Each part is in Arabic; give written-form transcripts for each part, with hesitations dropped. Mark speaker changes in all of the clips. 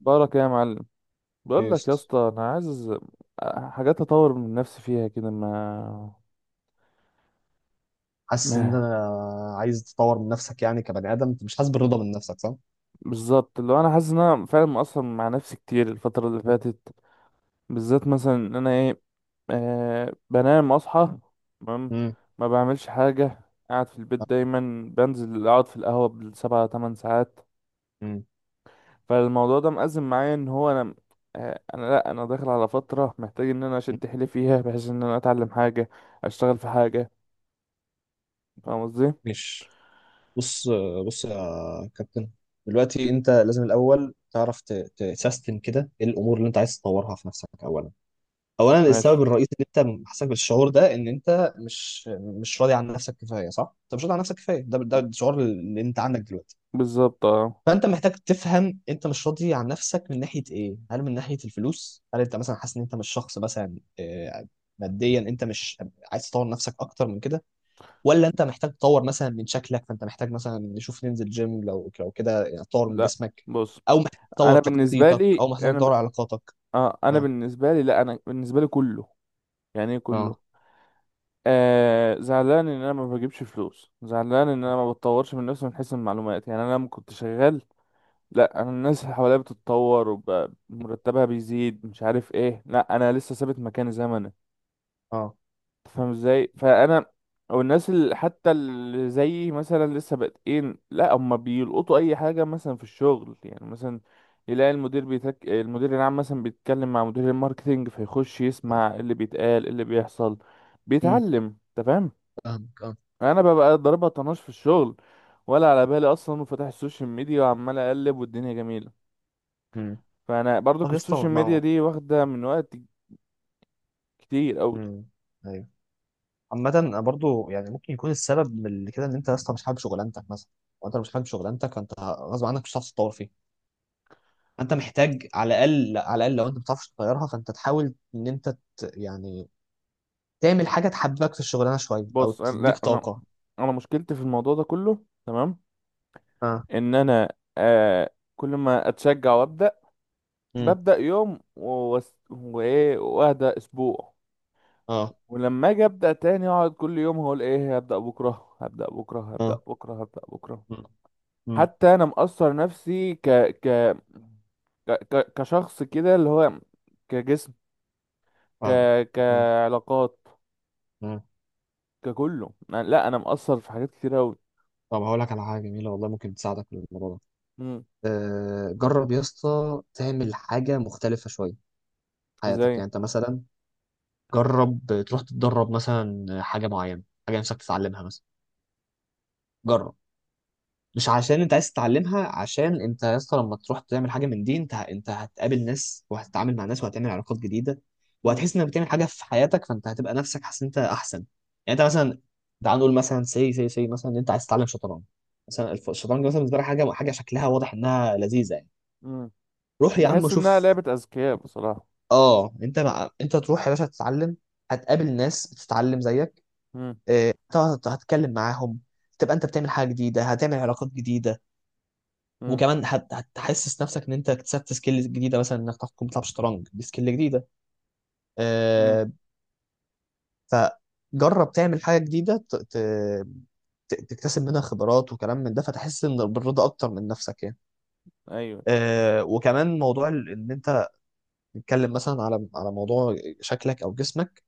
Speaker 1: بارك يا معلم.
Speaker 2: ايه
Speaker 1: بقول
Speaker 2: يا
Speaker 1: لك يا
Speaker 2: اسطى،
Speaker 1: اسطى انا عايز حاجات اطور من نفسي فيها كده ما
Speaker 2: حاسس ان
Speaker 1: ما
Speaker 2: انا عايز تطور من نفسك يعني، كبني ادم انت مش حاسس بالرضا من نفسك صح؟
Speaker 1: بالظبط اللي هو انا حاسس ان انا فعلا مقصر مع نفسي كتير الفتره اللي فاتت، بالذات مثلا ان انا ايه، بنام اصحى تمام
Speaker 2: امم.
Speaker 1: ما بعملش حاجه، قاعد في البيت دايما بنزل اقعد في القهوه بالسبع تمن ساعات.
Speaker 2: مم.
Speaker 1: فالموضوع ده مأزم معايا ان هو انا آه انا لا انا داخل على فتره محتاج ان انا اشد حيلي فيها بحيث ان انا اتعلم حاجه، اشتغل في حاجه، فاهم قصدي؟
Speaker 2: ماشي. بص، بص يا كابتن. دلوقتي انت لازم الاول تعرف تسيستم كده ايه الامور اللي انت عايز تطورها في نفسك اولا. اولا،
Speaker 1: ماشي،
Speaker 2: السبب الرئيسي اللي انت حاسس بالشعور ده ان انت مش راضي عن نفسك كفايه، صح؟ انت مش راضي عن نفسك كفايه. ده الشعور اللي انت عندك دلوقتي.
Speaker 1: بالظبط اه.
Speaker 2: فانت محتاج تفهم، انت مش راضي عن نفسك من ناحيه ايه؟ هل من ناحيه الفلوس؟ هل انت مثلا حاسس ان انت مش شخص مثلا ماديا؟ انت مش عايز تطور نفسك اكتر من كده؟ ولا انت محتاج تطور مثلا من شكلك، فانت محتاج مثلا نشوف ننزل جيم لو كده يعني تطور من
Speaker 1: لا
Speaker 2: جسمك؟
Speaker 1: بص،
Speaker 2: او محتاج تطور
Speaker 1: انا بالنسبه
Speaker 2: شخصيتك،
Speaker 1: لي
Speaker 2: او محتاج
Speaker 1: انا ب...
Speaker 2: تطور علاقاتك؟
Speaker 1: آه انا
Speaker 2: اه،
Speaker 1: بالنسبه لي لا انا بالنسبه لي كله، يعني ايه كله،
Speaker 2: اه،
Speaker 1: زعلان ان انا ما بجيبش فلوس، زعلان ان انا ما بتطورش من نفسي من حيث المعلومات. يعني انا لما كنت شغال، لا انا الناس اللي حواليا بتتطور ومرتبها بيزيد مش عارف ايه، لا انا لسه ثابت مكاني زي ما أنا.
Speaker 2: اه،
Speaker 1: فاهم ازاي؟ فانا او الناس اللي حتى اللي زيي مثلا لسه بادئين، لا هم بيلقطوا اي حاجه مثلا في الشغل. يعني مثلا يلاقي المدير العام مثلا بيتكلم مع مدير الماركتينج فيخش يسمع اللي بيتقال اللي بيحصل
Speaker 2: امم.
Speaker 1: بيتعلم، انت فاهم؟
Speaker 2: فاهمك، اه.
Speaker 1: انا ببقى ضاربها طناش في الشغل، ولا على بالي اصلا، وفتح السوشيال ميديا وعمال اقلب والدنيا جميله.
Speaker 2: امم.
Speaker 1: فانا
Speaker 2: طب
Speaker 1: برضك
Speaker 2: يا اسطى.
Speaker 1: السوشيال ميديا دي واخده من وقت كتير او.
Speaker 2: امم. عامة أنا برضو يعني ممكن يكون السبب من اللي كده ان انت اصلا مش حابب شغلانتك مثلا. وانت لو مش حابب شغلانتك، فانت غصب عنك مش هتعرف تتطور فيها. فانت محتاج على الاقل، على الاقل لو انت ما بتعرفش تغيرها، فانت تحاول ان انت يعني تعمل حاجة تحببك في الشغلانة شوية او
Speaker 1: بص انا
Speaker 2: تديك
Speaker 1: لا انا
Speaker 2: طاقة.
Speaker 1: انا مشكلتي في الموضوع ده كله، تمام؟
Speaker 2: اه.
Speaker 1: ان انا آه كل ما اتشجع وابدا
Speaker 2: امم.
Speaker 1: ببدا يوم وايه واهدى اسبوع،
Speaker 2: اه.
Speaker 1: ولما اجي ابدا تاني اقعد كل يوم هقول ايه: هبدا بكره، هبدا بكره، هبدا
Speaker 2: اه.
Speaker 1: بكره، هبدا بكره.
Speaker 2: امم. امم.
Speaker 1: حتى انا مقصر نفسي كشخص كده، اللي هو كجسم، ك
Speaker 2: فاهم. امم.
Speaker 1: كعلاقات،
Speaker 2: امم.
Speaker 1: لا انا مقصر في حاجات كتير قوي.
Speaker 2: طب هقول لك على حاجة جميلة والله، ممكن تساعدك في الموضوع
Speaker 1: امم،
Speaker 2: ده. جرب يا اسطى تعمل حاجة مختلفة شوية في حياتك،
Speaker 1: وزي.
Speaker 2: يعني انت مثلا، جرب تروح تتدرب مثلا حاجه معينه، حاجه نفسك تتعلمها مثلا. جرب، مش عشان انت عايز تتعلمها. عشان انت يا اسطى لما تروح تعمل حاجه من دي، انت هتقابل ناس وهتتعامل مع ناس وهتعمل علاقات جديده،
Speaker 1: امم،
Speaker 2: وهتحس انك بتعمل حاجه في حياتك، فانت هتبقى نفسك حاسس ان انت احسن. يعني انت مثلا، تعال نقول مثلا سي مثلا ان انت عايز تتعلم شطرنج. مثلا الشطرنج مثلا بالنسبه لك حاجه شكلها واضح انها لذيذه يعني.
Speaker 1: امم،
Speaker 2: روح يا عم
Speaker 1: بحس انها
Speaker 2: شوف.
Speaker 1: لعبة اذكياء بصراحة.
Speaker 2: اه، انت تروح يا باشا تتعلم، هتقابل ناس بتتعلم زيك.
Speaker 1: امم،
Speaker 2: طبعا هتتكلم معاهم. تبقى انت بتعمل حاجه جديده، هتعمل علاقات جديده.
Speaker 1: امم،
Speaker 2: وكمان هتحسس نفسك ان انت اكتسبت سكيلز جديده، مثلا انك تعرف تكون بتلعب شطرنج دي سكيل جديده.
Speaker 1: امم،
Speaker 2: آه، فجرب تعمل حاجه جديده تكتسب منها خبرات وكلام من ده، فتحس ان بالرضا اكتر من نفسك يعني.
Speaker 1: ايوه.
Speaker 2: وكمان موضوع ان انت تتكلم مثلا على موضوع شكلك او جسمك.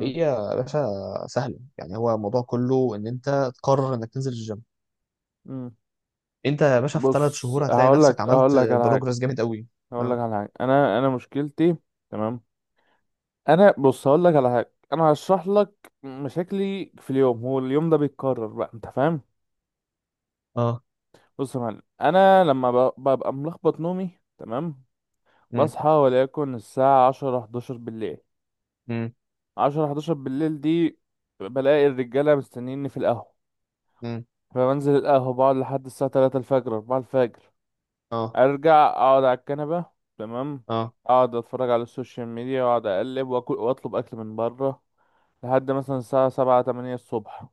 Speaker 2: هي يا باشا سهله، يعني هو الموضوع كله ان انت تقرر انك تنزل الجيم.
Speaker 1: مم.
Speaker 2: انت يا باشا في ثلاث
Speaker 1: بص
Speaker 2: شهور هتلاقي
Speaker 1: هقول
Speaker 2: نفسك
Speaker 1: لك هقول
Speaker 2: عملت
Speaker 1: لك على حاجه
Speaker 2: بروجرس جامد قوي.
Speaker 1: هقول لك
Speaker 2: اه.
Speaker 1: على حاجه انا انا مشكلتي، تمام. انا بص هقول لك على حاجه، انا هشرح لك مشاكلي في اليوم، هو اليوم ده بيتكرر بقى، انت فاهم؟
Speaker 2: اه.
Speaker 1: بص يا معلم، انا لما ببقى ملخبط نومي، تمام،
Speaker 2: امم.
Speaker 1: بصحى وليكن الساعه 10 11 بالليل.
Speaker 2: امم.
Speaker 1: 10 11 بالليل دي بلاقي الرجاله مستنيني في القهوه،
Speaker 2: امم.
Speaker 1: فبنزل القهوه بقعد لحد الساعه 3 الفجر 4 الفجر،
Speaker 2: اه.
Speaker 1: ارجع اقعد على الكنبه، تمام،
Speaker 2: اه.
Speaker 1: اقعد اتفرج على السوشيال ميديا واقعد اقلب واكل واطلب اكل من بره لحد مثلا الساعه 7 8 الصبح.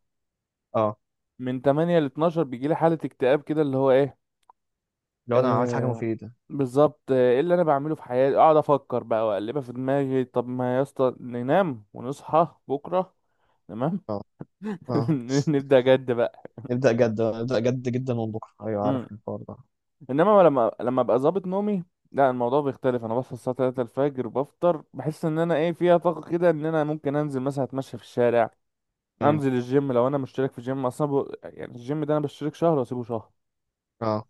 Speaker 2: اه.
Speaker 1: من 8 ل 12 بيجيلي حاله اكتئاب كده، اللي هو ايه،
Speaker 2: لو انا عملت حاجه
Speaker 1: آه
Speaker 2: مفيده.
Speaker 1: بالظبط آه، ايه اللي انا بعمله في حياتي؟ اقعد افكر بقى واقلبها في دماغي. طب ما يا اسطى ننام ونصحى بكره، تمام،
Speaker 2: اه. اه.
Speaker 1: نبدا جد بقى.
Speaker 2: نبدا جد، نبدا جد جدا من بكره، ايوه، عارف الحوار ده.
Speaker 1: انما لما ابقى ظابط نومي لا الموضوع بيختلف، انا بصحى الساعه 3 الفجر بفطر بحس ان انا ايه فيها طاقه كده ان انا ممكن انزل مثلا اتمشى في الشارع،
Speaker 2: امم.
Speaker 1: انزل الجيم لو انا مشترك في جيم اصلا يعني الجيم ده انا بشترك شهر واسيبه شهر.
Speaker 2: اه.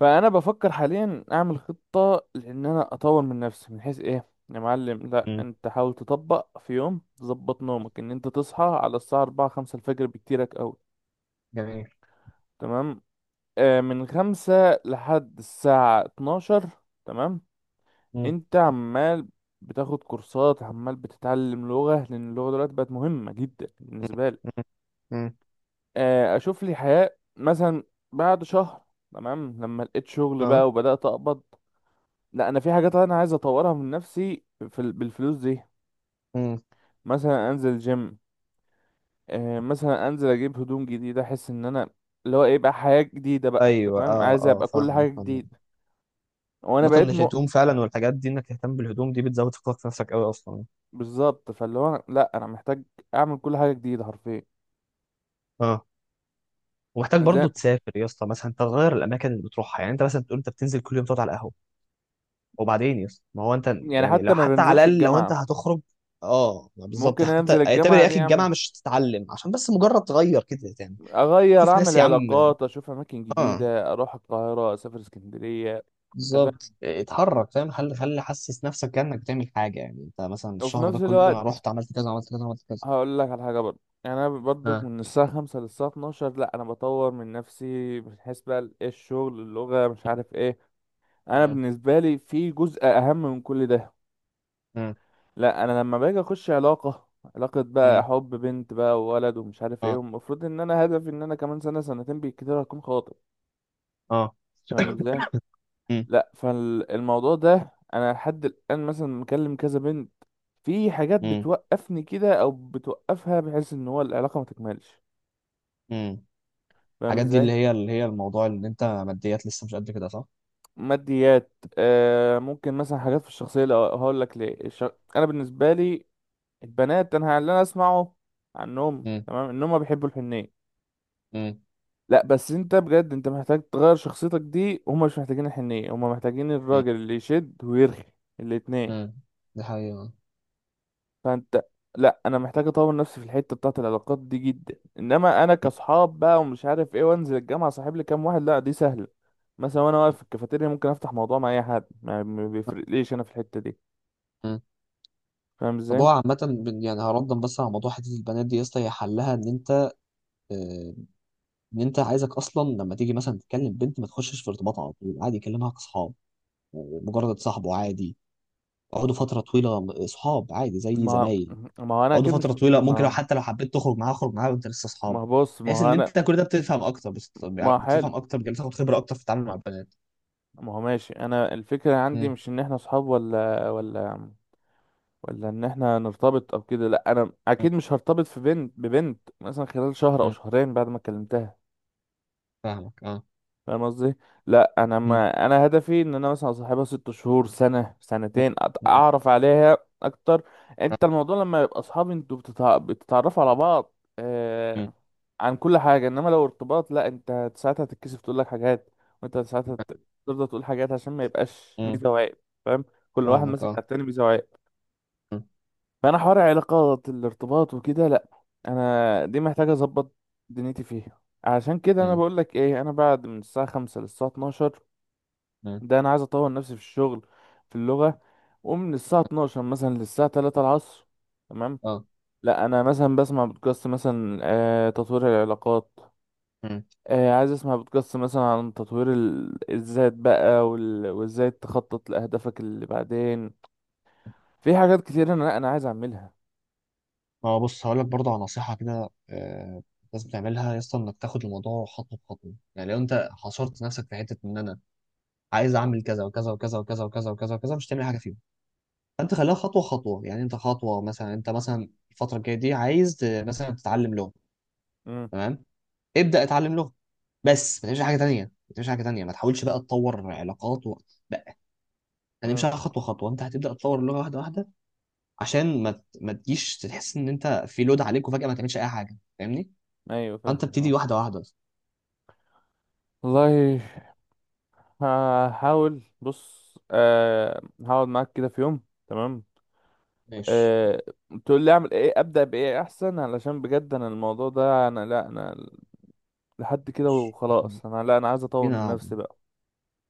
Speaker 1: فانا بفكر حاليا اعمل خطه لان انا اطور من نفسي من حيث ايه يا معلم. لا
Speaker 2: امم.
Speaker 1: انت حاول تطبق في يوم تظبط نومك ان انت تصحى على الساعه 4 5 الفجر بكتيرك قوي،
Speaker 2: جميل.
Speaker 1: تمام، من 5 لحد الساعه 12، تمام،
Speaker 2: امم.
Speaker 1: انت عمال بتاخد كورسات عمال بتتعلم لغة لان اللغة دلوقتي بقت مهمة جدا بالنسبة لي.
Speaker 2: امم. امم.
Speaker 1: آه، اشوف لي حياة مثلا بعد شهر، تمام، لما لقيت شغل
Speaker 2: اه.
Speaker 1: بقى وبدأت اقبض لا انا في حاجات انا عايز اطورها من نفسي بالفلوس دي.
Speaker 2: امم.
Speaker 1: مثلا انزل جيم، آه، مثلا انزل اجيب هدوم جديدة، احس ان انا اللي هو ايه بقى حياة جديدة بقى،
Speaker 2: ايوه.
Speaker 1: تمام،
Speaker 2: اه.
Speaker 1: عايز
Speaker 2: اه.
Speaker 1: ابقى كل
Speaker 2: فاهم.
Speaker 1: حاجة
Speaker 2: فاهم.
Speaker 1: جديدة. وانا
Speaker 2: مثلا
Speaker 1: بقيت مؤ،
Speaker 2: الهدوم فعلا والحاجات دي، انك تهتم بالهدوم دي بتزود ثقتك في نفسك قوي اصلا.
Speaker 1: بالظبط، لا انا محتاج اعمل كل حاجة جديدة حرفيا.
Speaker 2: اه. ومحتاج
Speaker 1: زي،
Speaker 2: برضو تسافر يا اسطى، مثلا تغير الاماكن اللي بتروحها، يعني انت مثلا تقول انت بتنزل كل يوم تقعد على القهوه، وبعدين يس، ما هو انت
Speaker 1: يعني
Speaker 2: يعني لو
Speaker 1: حتى ما
Speaker 2: حتى على
Speaker 1: بنزلش
Speaker 2: الاقل لو انت
Speaker 1: الجامعة.
Speaker 2: هتخرج. اه، ما بالظبط،
Speaker 1: ممكن
Speaker 2: حتى
Speaker 1: انزل
Speaker 2: اعتبر
Speaker 1: الجامعة
Speaker 2: يا
Speaker 1: دي
Speaker 2: اخي
Speaker 1: اعمل،
Speaker 2: الجامعه مش تتعلم عشان بس مجرد تغير كده يعني.
Speaker 1: اغير،
Speaker 2: شوف ناس
Speaker 1: اعمل
Speaker 2: يا عم.
Speaker 1: علاقات، اشوف اماكن
Speaker 2: اه،
Speaker 1: جديدة، اروح القاهرة، اسافر اسكندرية. انت فاهم؟
Speaker 2: بالظبط اتحرك، فاهم، خلي خلي حسس نفسك كانك بتعمل حاجه، يعني انت مثلا
Speaker 1: وفي
Speaker 2: الشهر ده
Speaker 1: نفس
Speaker 2: كله أنا
Speaker 1: الوقت
Speaker 2: رحت عملت كذا، عملت كذا، عملت كذا.
Speaker 1: هقول لك على حاجة برضه، يعني انا برضه
Speaker 2: اه.
Speaker 1: من الساعة خمسة للساعة اتناشر لا انا بطور من نفسي من حيث بقى ايه الشغل، اللغة، مش عارف ايه. انا
Speaker 2: اه.
Speaker 1: بالنسبة لي في جزء اهم من كل ده،
Speaker 2: اه.
Speaker 1: لا انا لما باجي اخش علاقة، علاقة بقى حب، بنت بقى وولد ومش عارف ايه،
Speaker 2: اه.
Speaker 1: والمفروض ان انا هدفي ان انا كمان سنة سنتين بالكتير هكون خاطب،
Speaker 2: اه.
Speaker 1: فاهم ازاي؟
Speaker 2: مم.
Speaker 1: لا فالموضوع ده انا لحد الان مثلا مكلم كذا بنت، في حاجات
Speaker 2: مم.
Speaker 1: بتوقفني كده او بتوقفها بحيث ان هو العلاقه ما تكملش،
Speaker 2: مم.
Speaker 1: فاهم
Speaker 2: الحاجات دي اللي
Speaker 1: ازاي؟
Speaker 2: هي اللي هي الموضوع اللي انت ماديات لسه مش قد كده، صح؟
Speaker 1: ماديات، آه ممكن مثلا حاجات في الشخصيه. لو هقول لك ليه انا بالنسبه لي البنات، انا اللي انا اسمعه عنهم
Speaker 2: مم.
Speaker 1: تمام ان هم بيحبوا الحنيه،
Speaker 2: مم.
Speaker 1: لا بس انت بجد انت محتاج تغير شخصيتك دي، هم مش محتاجين الحنيه، هم محتاجين
Speaker 2: مم.
Speaker 1: الراجل اللي يشد ويرخي الاتنين.
Speaker 2: مم. دي حقيقة.
Speaker 1: فانت، لا انا محتاج اطور نفسي في الحته بتاعه العلاقات دي جدا، انما انا كصحاب بقى ومش عارف ايه، وانزل الجامعه صاحب لي كام واحد لا دي سهله، مثلا وانا واقف في الكافيتيريا ممكن افتح موضوع مع اي حد، ما بيفرقليش انا في الحته دي، فاهم
Speaker 2: طب
Speaker 1: ازاي؟
Speaker 2: هو عامة يعني هردا بس على موضوع حتة البنات دي يا اسطى، هي حلها آه، إن أنت عايزك أصلا لما تيجي مثلا تكلم بنت ما تخشش في ارتباط على طول، عادي كلمها كأصحاب. مجرد صاحبه عادي. اقعدوا فترة طويلة صحاب عادي زي
Speaker 1: ما
Speaker 2: زمايل.
Speaker 1: ما هو انا
Speaker 2: اقعدوا
Speaker 1: اكيد مش
Speaker 2: فترة
Speaker 1: ب...
Speaker 2: طويلة، ممكن لو
Speaker 1: ما
Speaker 2: حتى لو حبيت تخرج معاها اخرج معاها وأنت لسه
Speaker 1: ما
Speaker 2: صحاب.
Speaker 1: هو بص ما
Speaker 2: بحيث
Speaker 1: هو
Speaker 2: إن
Speaker 1: انا
Speaker 2: أنت كل ده بتفهم أكتر،
Speaker 1: ما هو حلو
Speaker 2: بتفهم أكتر، بتاخد خبرة أكتر في التعامل مع البنات.
Speaker 1: ما هو ماشي، انا الفكره عندي
Speaker 2: مم.
Speaker 1: مش ان احنا صحاب ولا ان احنا نرتبط او كده، لا انا
Speaker 2: مم.
Speaker 1: اكيد مش هرتبط في بنت ببنت مثلا خلال شهر او
Speaker 2: مم.
Speaker 1: شهرين بعد ما كلمتها،
Speaker 2: فاهمك أه.
Speaker 1: فاهم قصدي؟ لا انا
Speaker 2: مم.
Speaker 1: ما انا هدفي ان انا مثلا اصاحبها ست شهور سنه
Speaker 2: مم.
Speaker 1: سنتين،
Speaker 2: مم.
Speaker 1: اعرف عليها اكتر. انت الموضوع لما يبقى اصحاب انتوا بتتعرفوا على بعض آه
Speaker 2: مم.
Speaker 1: عن كل حاجه، انما لو ارتباط لا انت ساعتها تتكسف تقول لك حاجات، وانت ساعتها تفضل تقول حاجات عشان ما يبقاش
Speaker 2: مم.
Speaker 1: ميزه وعيب، فاهم؟ كل واحد
Speaker 2: فاهمك
Speaker 1: ماسك
Speaker 2: أه.
Speaker 1: على التاني ميزه وعيب.
Speaker 2: مم.
Speaker 1: فانا حوار علاقات الارتباط وكده لا، انا دي محتاجه اظبط دنيتي فيها، عشان كده انا
Speaker 2: مم.
Speaker 1: بقول لك ايه، انا بعد من الساعه 5 للساعه 12
Speaker 2: مم.
Speaker 1: ده انا عايز اطور نفسي في الشغل، في اللغه، ومن الساعه 12 مثلا للساعه 3 العصر، تمام،
Speaker 2: أه.
Speaker 1: لا انا مثلا بسمع بودكاست مثلا آه تطوير العلاقات،
Speaker 2: مم.
Speaker 1: آه عايز اسمع بودكاست مثلا عن تطوير الذات بقى وازاي تخطط لاهدافك اللي بعدين. في حاجات كتير انا عايز اعملها.
Speaker 2: ما هو بص هقول لك برضه على نصيحة كده، لازم تعملها يا اسطى، انك تاخد الموضوع خطوة بخطوة، يعني لو انت حصرت نفسك في حتة ان انا عايز اعمل كذا وكذا وكذا وكذا وكذا وكذا وكذا، مش هتعمل حاجة فيهم. فانت خليها خطوة خطوة، يعني انت خطوة، مثلا انت مثلا الفترة الجاية دي عايز مثلا تتعلم لغة.
Speaker 1: امم،
Speaker 2: تمام؟ ابدأ اتعلم لغة. بس ما تعملش حاجة تانية، ما تعملش حاجة تانية، ما تحاولش بقى تطور علاقات لا. يعني مش
Speaker 1: امم،
Speaker 2: خطوة خطوة، انت هتبدأ تطور اللغة واحدة واحدة عشان ما تجيش تحس ان انت في لود عليك وفجأة ما تعملش اي حاجة، فاهمني؟
Speaker 1: ايوه
Speaker 2: فانت
Speaker 1: فاهم
Speaker 2: ابتدي
Speaker 1: فاهم.
Speaker 2: واحده واحده.
Speaker 1: والله هحاول، بص آه هقعد معاك كده في يوم، تمام،
Speaker 2: ماشي.
Speaker 1: آه، تقول لي اعمل ايه، ابدا بايه احسن، علشان بجد انا الموضوع ده انا لا انا لحد كده
Speaker 2: ماشي.
Speaker 1: وخلاص انا لا انا عايز اطور
Speaker 2: لينا
Speaker 1: من
Speaker 2: قعده،
Speaker 1: نفسي بقى.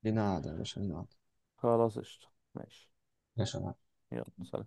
Speaker 2: لينا قعده يا باشا، لينا قعده.
Speaker 1: خلاص قشطة، ماشي،
Speaker 2: يا باشا. قعدة.
Speaker 1: يلا سلام.